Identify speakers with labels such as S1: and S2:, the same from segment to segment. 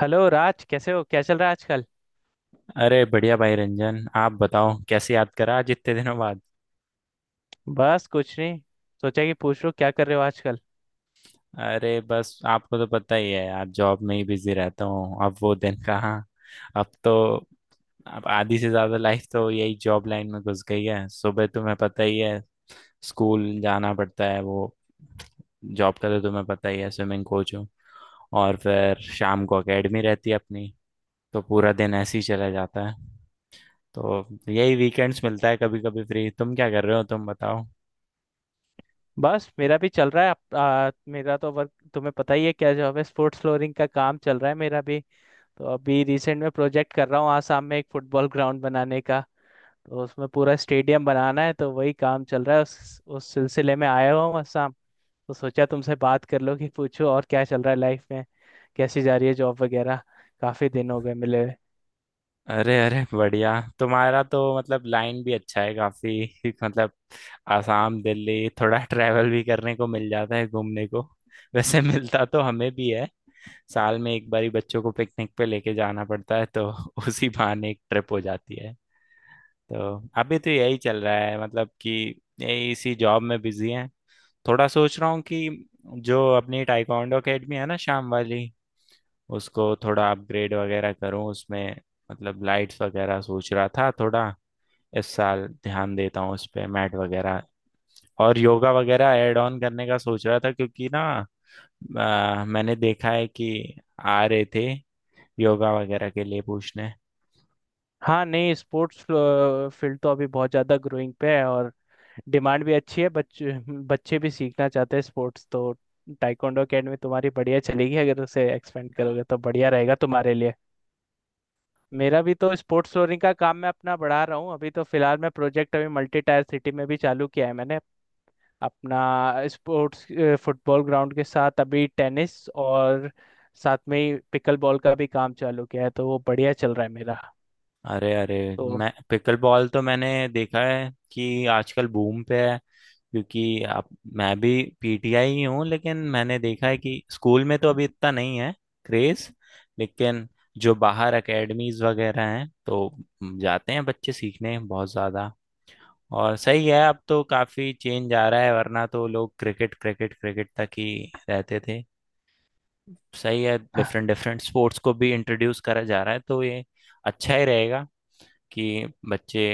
S1: Hello Raj, कैसे हो? क्या चल रहा है आजकल?
S2: अरे बढ़िया भाई रंजन, आप बताओ, कैसे याद करा आज इतने दिनों बाद।
S1: बस कुछ नहीं, सोचा कि पूछ लो क्या कर रहे हो आजकल।
S2: अरे बस, आपको तो पता ही है, आप जॉब में ही बिजी रहता हूँ। अब वो दिन कहाँ। अब तो अब आधी से ज्यादा लाइफ तो यही जॉब लाइन में घुस गई है। सुबह तुम्हें पता ही है, स्कूल जाना पड़ता है। वो जॉब का तो तुम्हें पता ही है, स्विमिंग कोच हूँ। और फिर शाम को एकेडमी रहती है अपनी। तो पूरा दिन ऐसे ही चला जाता है। तो यही वीकेंड्स मिलता है कभी कभी फ्री। तुम क्या कर रहे हो, तुम बताओ।
S1: बस मेरा भी चल रहा है। मेरा तो वर्क तुम्हें पता ही है क्या जॉब है। स्पोर्ट्स फ्लोरिंग का काम चल रहा है मेरा भी। तो अभी रिसेंट में प्रोजेक्ट कर रहा हूँ आसाम में, एक फुटबॉल ग्राउंड बनाने का। तो उसमें पूरा स्टेडियम बनाना है, तो वही काम चल रहा है। उस सिलसिले में आया हुआ हूँ आसाम। तो सोचा तुमसे बात कर लो कि पूछो और क्या चल रहा है लाइफ में, कैसी जा रही है जॉब वगैरह। काफी दिन हो गए मिले।
S2: अरे अरे बढ़िया। तुम्हारा तो मतलब लाइन भी अच्छा है काफी। मतलब आसाम दिल्ली, थोड़ा ट्रैवल भी करने को मिल जाता है, घूमने को। वैसे मिलता तो हमें भी है, साल में एक बार ही बच्चों को पिकनिक पे लेके जाना पड़ता है, तो उसी बहाने एक ट्रिप हो जाती है। तो अभी तो यही चल रहा है, मतलब कि यही इसी जॉब में बिजी हैं। थोड़ा सोच रहा हूँ कि जो अपनी टाइकोंडो अकेडमी है ना, शाम वाली, उसको थोड़ा अपग्रेड वगैरह करूँ उसमें। मतलब लाइट्स वगैरह सोच रहा था, थोड़ा इस साल ध्यान देता हूँ उस पे। मैट वगैरह और योगा वगैरह ऐड ऑन करने का सोच रहा था, क्योंकि ना मैंने देखा है कि आ रहे थे योगा वगैरह के लिए पूछने।
S1: हाँ, नहीं, स्पोर्ट्स फील्ड तो अभी बहुत ज़्यादा ग्रोइंग पे है, और डिमांड भी अच्छी है। बच्चे बच्चे भी सीखना चाहते हैं स्पोर्ट्स। तो टाइकोंडो अकेडमी तुम्हारी बढ़िया चलेगी, अगर उसे एक्सपेंड करोगे तो बढ़िया रहेगा तुम्हारे लिए। मेरा भी तो स्पोर्ट्स फ्लोरिंग का काम मैं अपना बढ़ा रहा हूँ। अभी तो फिलहाल मैं प्रोजेक्ट अभी मल्टी टायर सिटी में भी चालू किया है मैंने अपना। स्पोर्ट्स फुटबॉल ग्राउंड के साथ अभी टेनिस, और साथ में ही पिकल बॉल का भी काम चालू किया है, तो वो बढ़िया चल रहा है मेरा।
S2: अरे अरे,
S1: तो
S2: मैं पिकल बॉल तो मैंने देखा है कि आजकल बूम पे है। क्योंकि आप, मैं भी पीटीआई ही हूँ, लेकिन मैंने देखा है कि स्कूल में तो अभी इतना नहीं है क्रेज। लेकिन जो बाहर एकेडमीज वगैरह हैं, तो जाते हैं बच्चे सीखने बहुत ज़्यादा। और सही है, अब तो काफ़ी चेंज आ रहा है, वरना तो लोग क्रिकेट क्रिकेट क्रिकेट तक ही रहते थे। सही है,
S1: हाँ,
S2: डिफरेंट डिफरेंट स्पोर्ट्स को भी इंट्रोड्यूस करा जा रहा है, तो ये अच्छा ही रहेगा कि बच्चे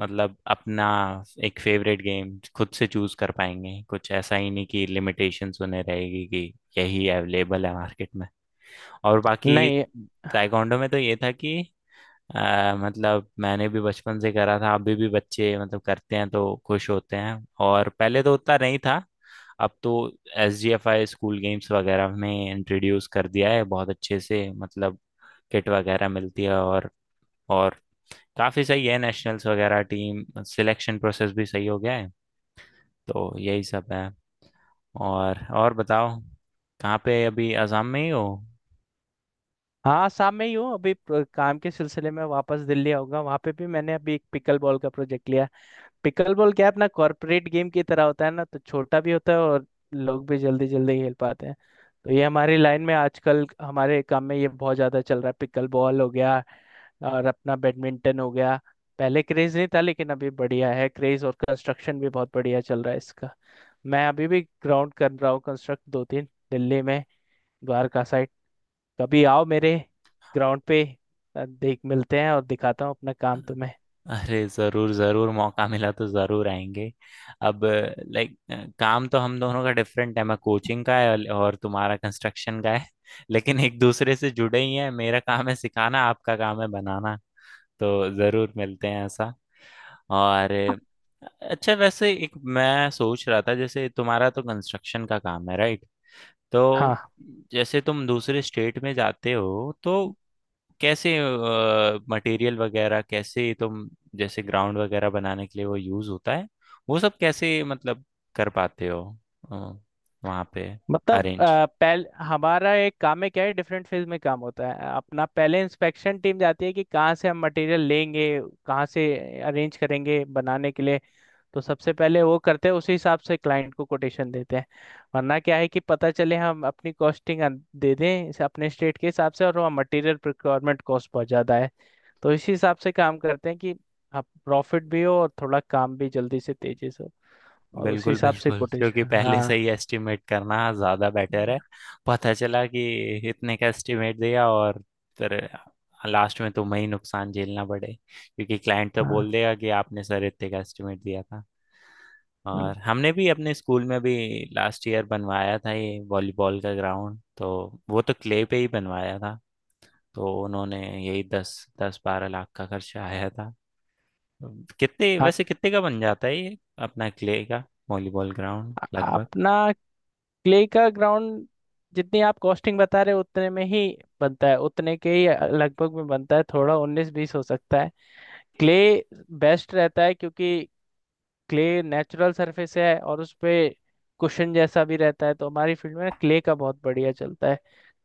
S2: मतलब अपना एक फेवरेट गेम खुद से चूज कर पाएंगे। कुछ ऐसा ही नहीं कि लिमिटेशंस उन्हें रहेगी कि यही अवेलेबल है मार्केट में। और बाकी
S1: नहीं।
S2: ताइक्वांडो में तो ये था कि मतलब मैंने भी बचपन से करा था, अभी भी बच्चे मतलब करते हैं तो खुश होते हैं। और पहले तो उतना नहीं था, अब तो S G F I school games वगैरह में इंट्रोड्यूस कर दिया है बहुत अच्छे से, मतलब किट वगैरह मिलती है। और और काफी सही है, नेशनल्स वगैरह टीम सिलेक्शन प्रोसेस भी सही हो गया है। तो यही सब है। और बताओ, कहाँ पे अभी, असम में ही हो।
S1: हाँ, शाम में ही हूँ अभी। काम के सिलसिले में वापस दिल्ली आऊंगा। वहां पे भी मैंने अभी एक पिकल बॉल का प्रोजेक्ट लिया। पिकल बॉल क्या है, अपना कॉर्पोरेट गेम की तरह होता है ना, तो छोटा भी होता है और लोग भी जल्दी जल्दी खेल पाते हैं। तो ये हमारी लाइन में आजकल हमारे काम में ये बहुत ज्यादा चल रहा है। पिकल बॉल हो गया और अपना बैडमिंटन हो गया। पहले क्रेज नहीं था लेकिन अभी बढ़िया है क्रेज, और कंस्ट्रक्शन भी बहुत बढ़िया चल रहा है इसका। मैं अभी भी ग्राउंड कर रहा हूँ कंस्ट्रक्ट, दो तीन दिल्ली में, द्वारका साइड। कभी आओ मेरे ग्राउंड पे, देख मिलते हैं और दिखाता हूँ अपना काम तुम्हें।
S2: अरे ज़रूर ज़रूर, मौका मिला तो ज़रूर आएंगे। अब लाइक काम तो हम दोनों का डिफरेंट है, मैं कोचिंग का है और तुम्हारा कंस्ट्रक्शन का है। लेकिन एक दूसरे से जुड़े ही हैं, मेरा काम है सिखाना, आपका काम है बनाना। तो ज़रूर मिलते हैं ऐसा। और अच्छा, वैसे एक मैं सोच रहा था, जैसे तुम्हारा तो कंस्ट्रक्शन का काम है, राइट,
S1: हाँ,
S2: तो जैसे तुम दूसरे स्टेट में जाते हो, तो कैसे मटेरियल वगैरह कैसे तुम, जैसे ग्राउंड वगैरह बनाने के लिए वो यूज होता है, वो सब कैसे मतलब कर पाते हो अ, वहाँ पे,
S1: मतलब
S2: अरेंज।
S1: पहले हमारा एक काम में क्या है, डिफरेंट फेज में काम होता है अपना। पहले इंस्पेक्शन टीम जाती है कि कहाँ से हम मटेरियल लेंगे, कहाँ से अरेंज करेंगे बनाने के लिए। तो सबसे पहले वो करते हैं, उसी हिसाब से क्लाइंट को कोटेशन देते हैं। वरना क्या है कि पता चले हम अपनी कॉस्टिंग दे दें इसे अपने स्टेट के हिसाब से, और वहाँ मटेरियल प्रिक्वायरमेंट कॉस्ट बहुत ज़्यादा है। तो इसी हिसाब से काम करते हैं कि आप प्रॉफिट भी हो और थोड़ा काम भी जल्दी से तेजी से हो। और उसी
S2: बिल्कुल
S1: हिसाब से
S2: बिल्कुल, क्योंकि
S1: कोटेशन।
S2: पहले
S1: हाँ।
S2: से ही एस्टिमेट करना ज़्यादा बेटर है। पता चला कि इतने का एस्टिमेट दिया, और फिर लास्ट में तुम्हें ही नुकसान झेलना पड़े, क्योंकि क्लाइंट तो
S1: हाँ।
S2: बोल देगा कि आपने सर इतने का एस्टिमेट दिया था।
S1: हम्म।
S2: और हमने भी अपने स्कूल में भी लास्ट ईयर बनवाया था ये वॉलीबॉल का ग्राउंड, तो वो तो क्ले पे ही बनवाया था, तो उन्होंने यही दस 10-12 लाख का खर्चा आया था। कितने,
S1: आ-
S2: वैसे कितने का बन जाता है, ये अपना क्ले का वॉलीबॉल ग्राउंड लगभग।
S1: अपना क्ले का ग्राउंड जितनी आप कॉस्टिंग बता रहे हो उतने में ही बनता है, उतने के ही लगभग में बनता है। थोड़ा उन्नीस बीस हो सकता है। क्ले बेस्ट रहता है, क्योंकि क्ले नेचुरल सरफेस है और उस पे कुशन जैसा भी रहता है। तो हमारी फील्ड में क्ले का बहुत बढ़िया चलता है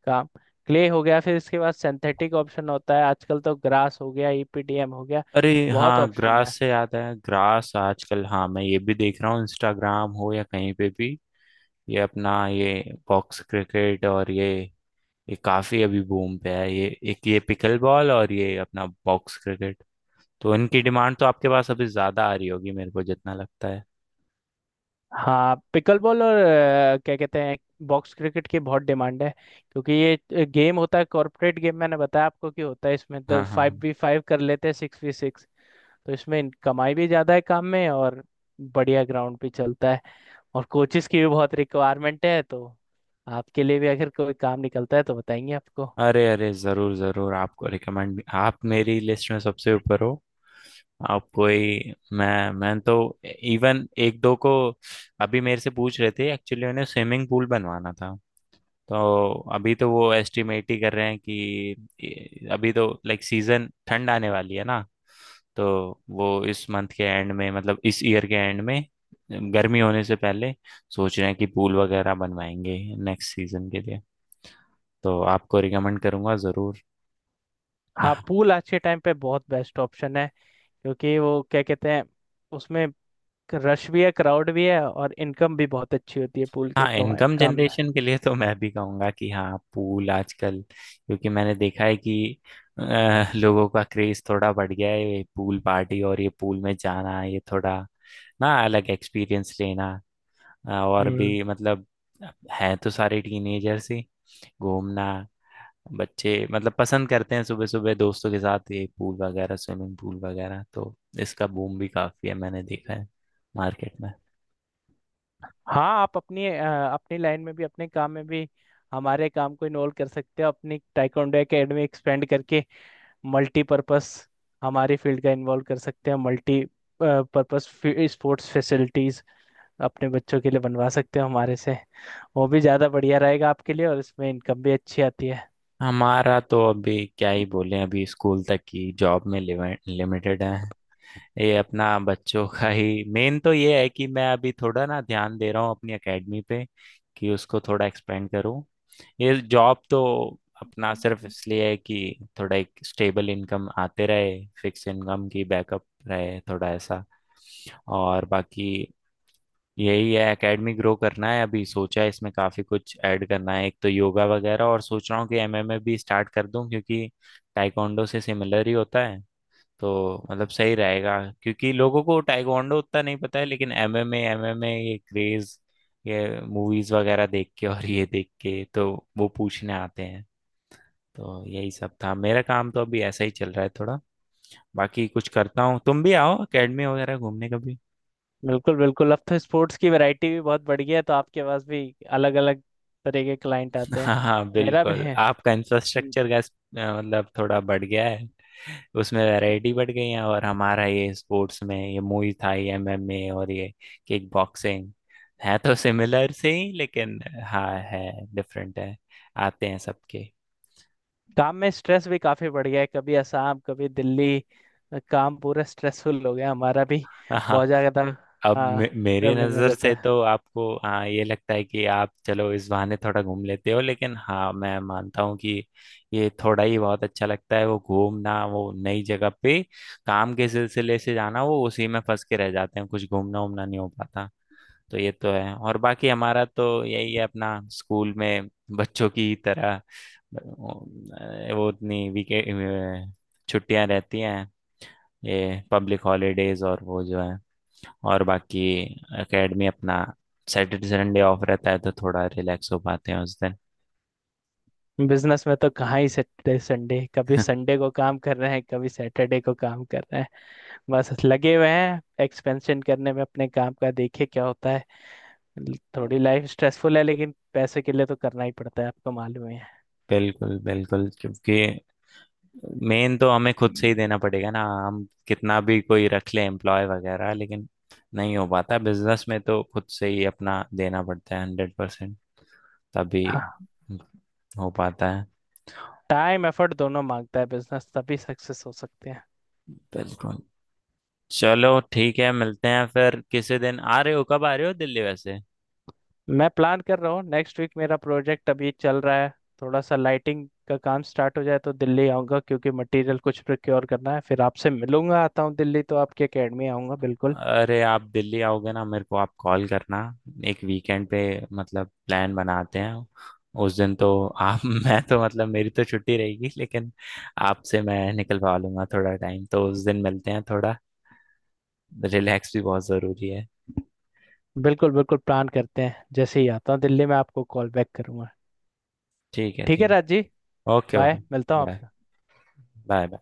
S1: काम। क्ले हो गया, फिर इसके बाद सिंथेटिक ऑप्शन होता है। आजकल तो ग्रास हो गया, ईपीडीएम हो गया,
S2: अरे
S1: बहुत
S2: हाँ,
S1: ऑप्शन
S2: ग्रास
S1: है।
S2: से याद है, ग्रास आजकल, हाँ मैं ये भी देख रहा हूँ, इंस्टाग्राम हो या कहीं पे भी, ये अपना ये बॉक्स क्रिकेट और ये काफी अभी बूम पे है, ये एक ये पिकल बॉल और ये अपना बॉक्स क्रिकेट। तो इनकी डिमांड तो आपके पास अभी ज्यादा आ रही होगी, मेरे को जितना लगता है।
S1: हाँ, पिकल बॉल और क्या कहते हैं, बॉक्स क्रिकेट की बहुत डिमांड है। क्योंकि ये गेम होता है कॉर्पोरेट गेम, मैंने बताया आपको कि होता है इसमें
S2: हाँ
S1: तो
S2: हाँ
S1: फाइव
S2: हाँ।
S1: वी फाइव कर लेते हैं, 6 v 6। तो इसमें कमाई भी ज़्यादा है काम में, और बढ़िया ग्राउंड भी चलता है। और कोचिस की भी बहुत रिक्वायरमेंट है, तो आपके लिए भी अगर कोई काम निकलता है तो बताएंगे आपको।
S2: अरे अरे, जरूर जरूर आपको रिकमेंड भी। आप मेरी लिस्ट में सबसे ऊपर हो। आप कोई, मैं तो इवन एक दो को अभी मेरे से पूछ रहे थे एक्चुअली, उन्हें स्विमिंग पूल बनवाना था। तो अभी तो वो एस्टिमेट ही कर रहे हैं कि ये- अभी तो लाइक सीजन, ठंड आने वाली है ना, तो वो इस मंथ के एंड में, मतलब इस ईयर के एंड में, गर्मी होने से पहले सोच रहे हैं कि पूल वगैरह बनवाएंगे नेक्स्ट सीजन के लिए। तो आपको रिकमेंड करूंगा जरूर।
S1: हाँ,
S2: हाँ।
S1: पूल आज के टाइम पे बहुत बेस्ट ऑप्शन है। क्योंकि वो क्या कहते हैं, उसमें रश भी है, क्राउड भी है, और इनकम भी बहुत अच्छी होती है पूल के
S2: हाँ,
S1: कमाई
S2: इनकम
S1: काम में।
S2: जनरेशन के लिए तो मैं भी कहूँगा कि हाँ, पूल आजकल, क्योंकि मैंने देखा है कि लोगों का क्रेज थोड़ा बढ़ गया है, ये पूल पार्टी और ये पूल में जाना, ये थोड़ा ना अलग एक्सपीरियंस लेना, और
S1: हम्म।
S2: भी मतलब हैं तो सारे टीनेजर्स ही। घूमना बच्चे मतलब पसंद करते हैं सुबह सुबह दोस्तों के साथ, ये पूल वगैरह स्विमिंग पूल वगैरह, तो इसका बूम भी काफ़ी है, मैंने देखा है मार्केट में।
S1: हाँ, आप अपनी अपनी लाइन में भी, अपने काम में भी, हमारे काम को इन्वॉल्व कर सकते हो। अपनी टाइकोंडो एकेडमी एक्सपेंड करके मल्टीपर्पस हमारी फील्ड का इन्वॉल्व कर सकते हैं। मल्टी पर्पस स्पोर्ट्स फैसिलिटीज अपने बच्चों के लिए बनवा सकते हो हमारे से। वो भी ज़्यादा बढ़िया रहेगा आपके लिए, और इसमें इनकम भी अच्छी आती है।
S2: हमारा तो अभी क्या ही बोले, अभी स्कूल तक की जॉब में लिमिटेड है। ये अपना बच्चों का ही मेन तो ये है कि मैं अभी थोड़ा ना ध्यान दे रहा हूँ अपनी एकेडमी पे, कि उसको थोड़ा एक्सपेंड करूँ। ये जॉब तो अपना सिर्फ इसलिए है कि थोड़ा एक स्टेबल इनकम आते रहे, फिक्स इनकम की बैकअप रहे, थोड़ा ऐसा। और बाकी यही है, एकेडमी ग्रो करना है। अभी सोचा है इसमें काफी कुछ ऐड करना है, एक तो योगा वगैरह, और सोच रहा हूँ कि एमएमए भी स्टार्ट कर दूं, क्योंकि ताइक्वांडो से सिमिलर ही होता है, तो मतलब सही रहेगा। क्योंकि लोगों को ताइक्वांडो उतना नहीं पता है, लेकिन एमएमए, ये क्रेज, ये मूवीज वगैरह देख के और ये देख के, तो वो पूछने आते हैं। तो यही सब था, मेरा काम तो अभी ऐसा ही चल रहा है थोड़ा। बाकी कुछ करता हूँ, तुम भी आओ एकेडमी वगैरह घूमने कभी।
S1: बिल्कुल बिल्कुल। अब तो स्पोर्ट्स की वैरायटी भी बहुत बढ़ गई है, तो आपके पास भी अलग अलग तरह के क्लाइंट आते हैं।
S2: हाँ हाँ
S1: मेरा भी
S2: बिल्कुल,
S1: है।
S2: आपका
S1: हम्म।
S2: इंफ्रास्ट्रक्चर का मतलब थोड़ा बढ़ गया है, उसमें वैरायटी बढ़ गई है। और हमारा ये स्पोर्ट्स में ये मुई थाई, एमएमए और ये किक बॉक्सिंग है, तो सिमिलर से ही, लेकिन हाँ, है, डिफरेंट है, आते हैं सबके।
S1: काम में स्ट्रेस भी काफ़ी बढ़ गया है, कभी असम कभी दिल्ली। काम पूरा स्ट्रेसफुल हो गया हमारा भी,
S2: हाँ हाँ।
S1: बहुत ज़्यादा।
S2: अब
S1: हाँ,
S2: मे मेरी
S1: ट्रेवलिंग हो
S2: नज़र
S1: जाता
S2: से
S1: है।
S2: तो आपको हाँ ये लगता है कि आप चलो इस बहाने थोड़ा घूम लेते हो, लेकिन हाँ मैं मानता हूँ कि ये थोड़ा ही बहुत अच्छा लगता है, वो घूमना, वो नई जगह पे काम के सिलसिले से जाना, वो उसी में फंस के रह जाते हैं, कुछ घूमना उमना नहीं हो पाता। तो ये तो है। और बाकी हमारा तो यही है अपना, स्कूल में बच्चों की तरह वो उतनी वीके छुट्टियां रहती हैं, ये पब्लिक हॉलीडेज और वो जो है। और बाकी एकेडमी अपना सैटरडे संडे ऑफ रहता है, तो थोड़ा रिलैक्स हो पाते हैं उस दिन।
S1: बिजनेस में तो कहाँ ही सैटरडे संडे, कभी संडे को काम कर रहे हैं, कभी सैटरडे को काम कर रहे हैं। बस लगे हुए हैं एक्सपेंशन करने में अपने काम का, देखे क्या होता है। थोड़ी लाइफ स्ट्रेसफुल है लेकिन पैसे के लिए तो करना ही पड़ता है, आपको मालूम ही है।
S2: बिल्कुल बिल्कुल, क्योंकि मेन तो हमें खुद से
S1: हम्म।
S2: ही देना पड़ेगा ना, हम कितना भी कोई रख ले एम्प्लॉय वगैरह लेकिन नहीं हो पाता। बिजनेस में तो खुद से ही अपना देना पड़ता है 100%, तभी
S1: हाँ,
S2: हो पाता है।
S1: टाइम एफर्ट दोनों मांगता है बिजनेस, तभी सक्सेस हो सकते हैं।
S2: बिल्कुल। चलो ठीक है, मिलते हैं फिर किसी दिन। आ रहे हो, कब आ रहे हो दिल्ली वैसे।
S1: मैं प्लान कर रहा हूँ नेक्स्ट वीक, मेरा प्रोजेक्ट अभी चल रहा है। थोड़ा सा लाइटिंग का काम स्टार्ट हो जाए तो दिल्ली आऊँगा, क्योंकि मटेरियल कुछ प्रोक्योर करना है। फिर आपसे मिलूंगा, आता हूँ दिल्ली तो आपकी अकेडमी आऊँगा बिल्कुल।
S2: अरे आप दिल्ली आओगे ना, मेरे को आप कॉल करना, एक वीकेंड पे मतलब प्लान बनाते हैं। उस दिन तो आप मैं तो, मतलब मेरी तो छुट्टी रहेगी, लेकिन आपसे मैं निकलवा लूंगा थोड़ा टाइम, तो उस दिन मिलते हैं थोड़ा। रिलैक्स भी बहुत ज़रूरी है।
S1: बिल्कुल बिल्कुल, प्लान करते हैं। जैसे ही आता हूँ दिल्ली मैं आपको कॉल बैक करूँगा।
S2: ठीक है,
S1: ठीक है
S2: ठीक
S1: राज जी,
S2: है। Okay okay.
S1: बाय, मिलता हूँ
S2: बाय।
S1: आपसे।
S2: बाय।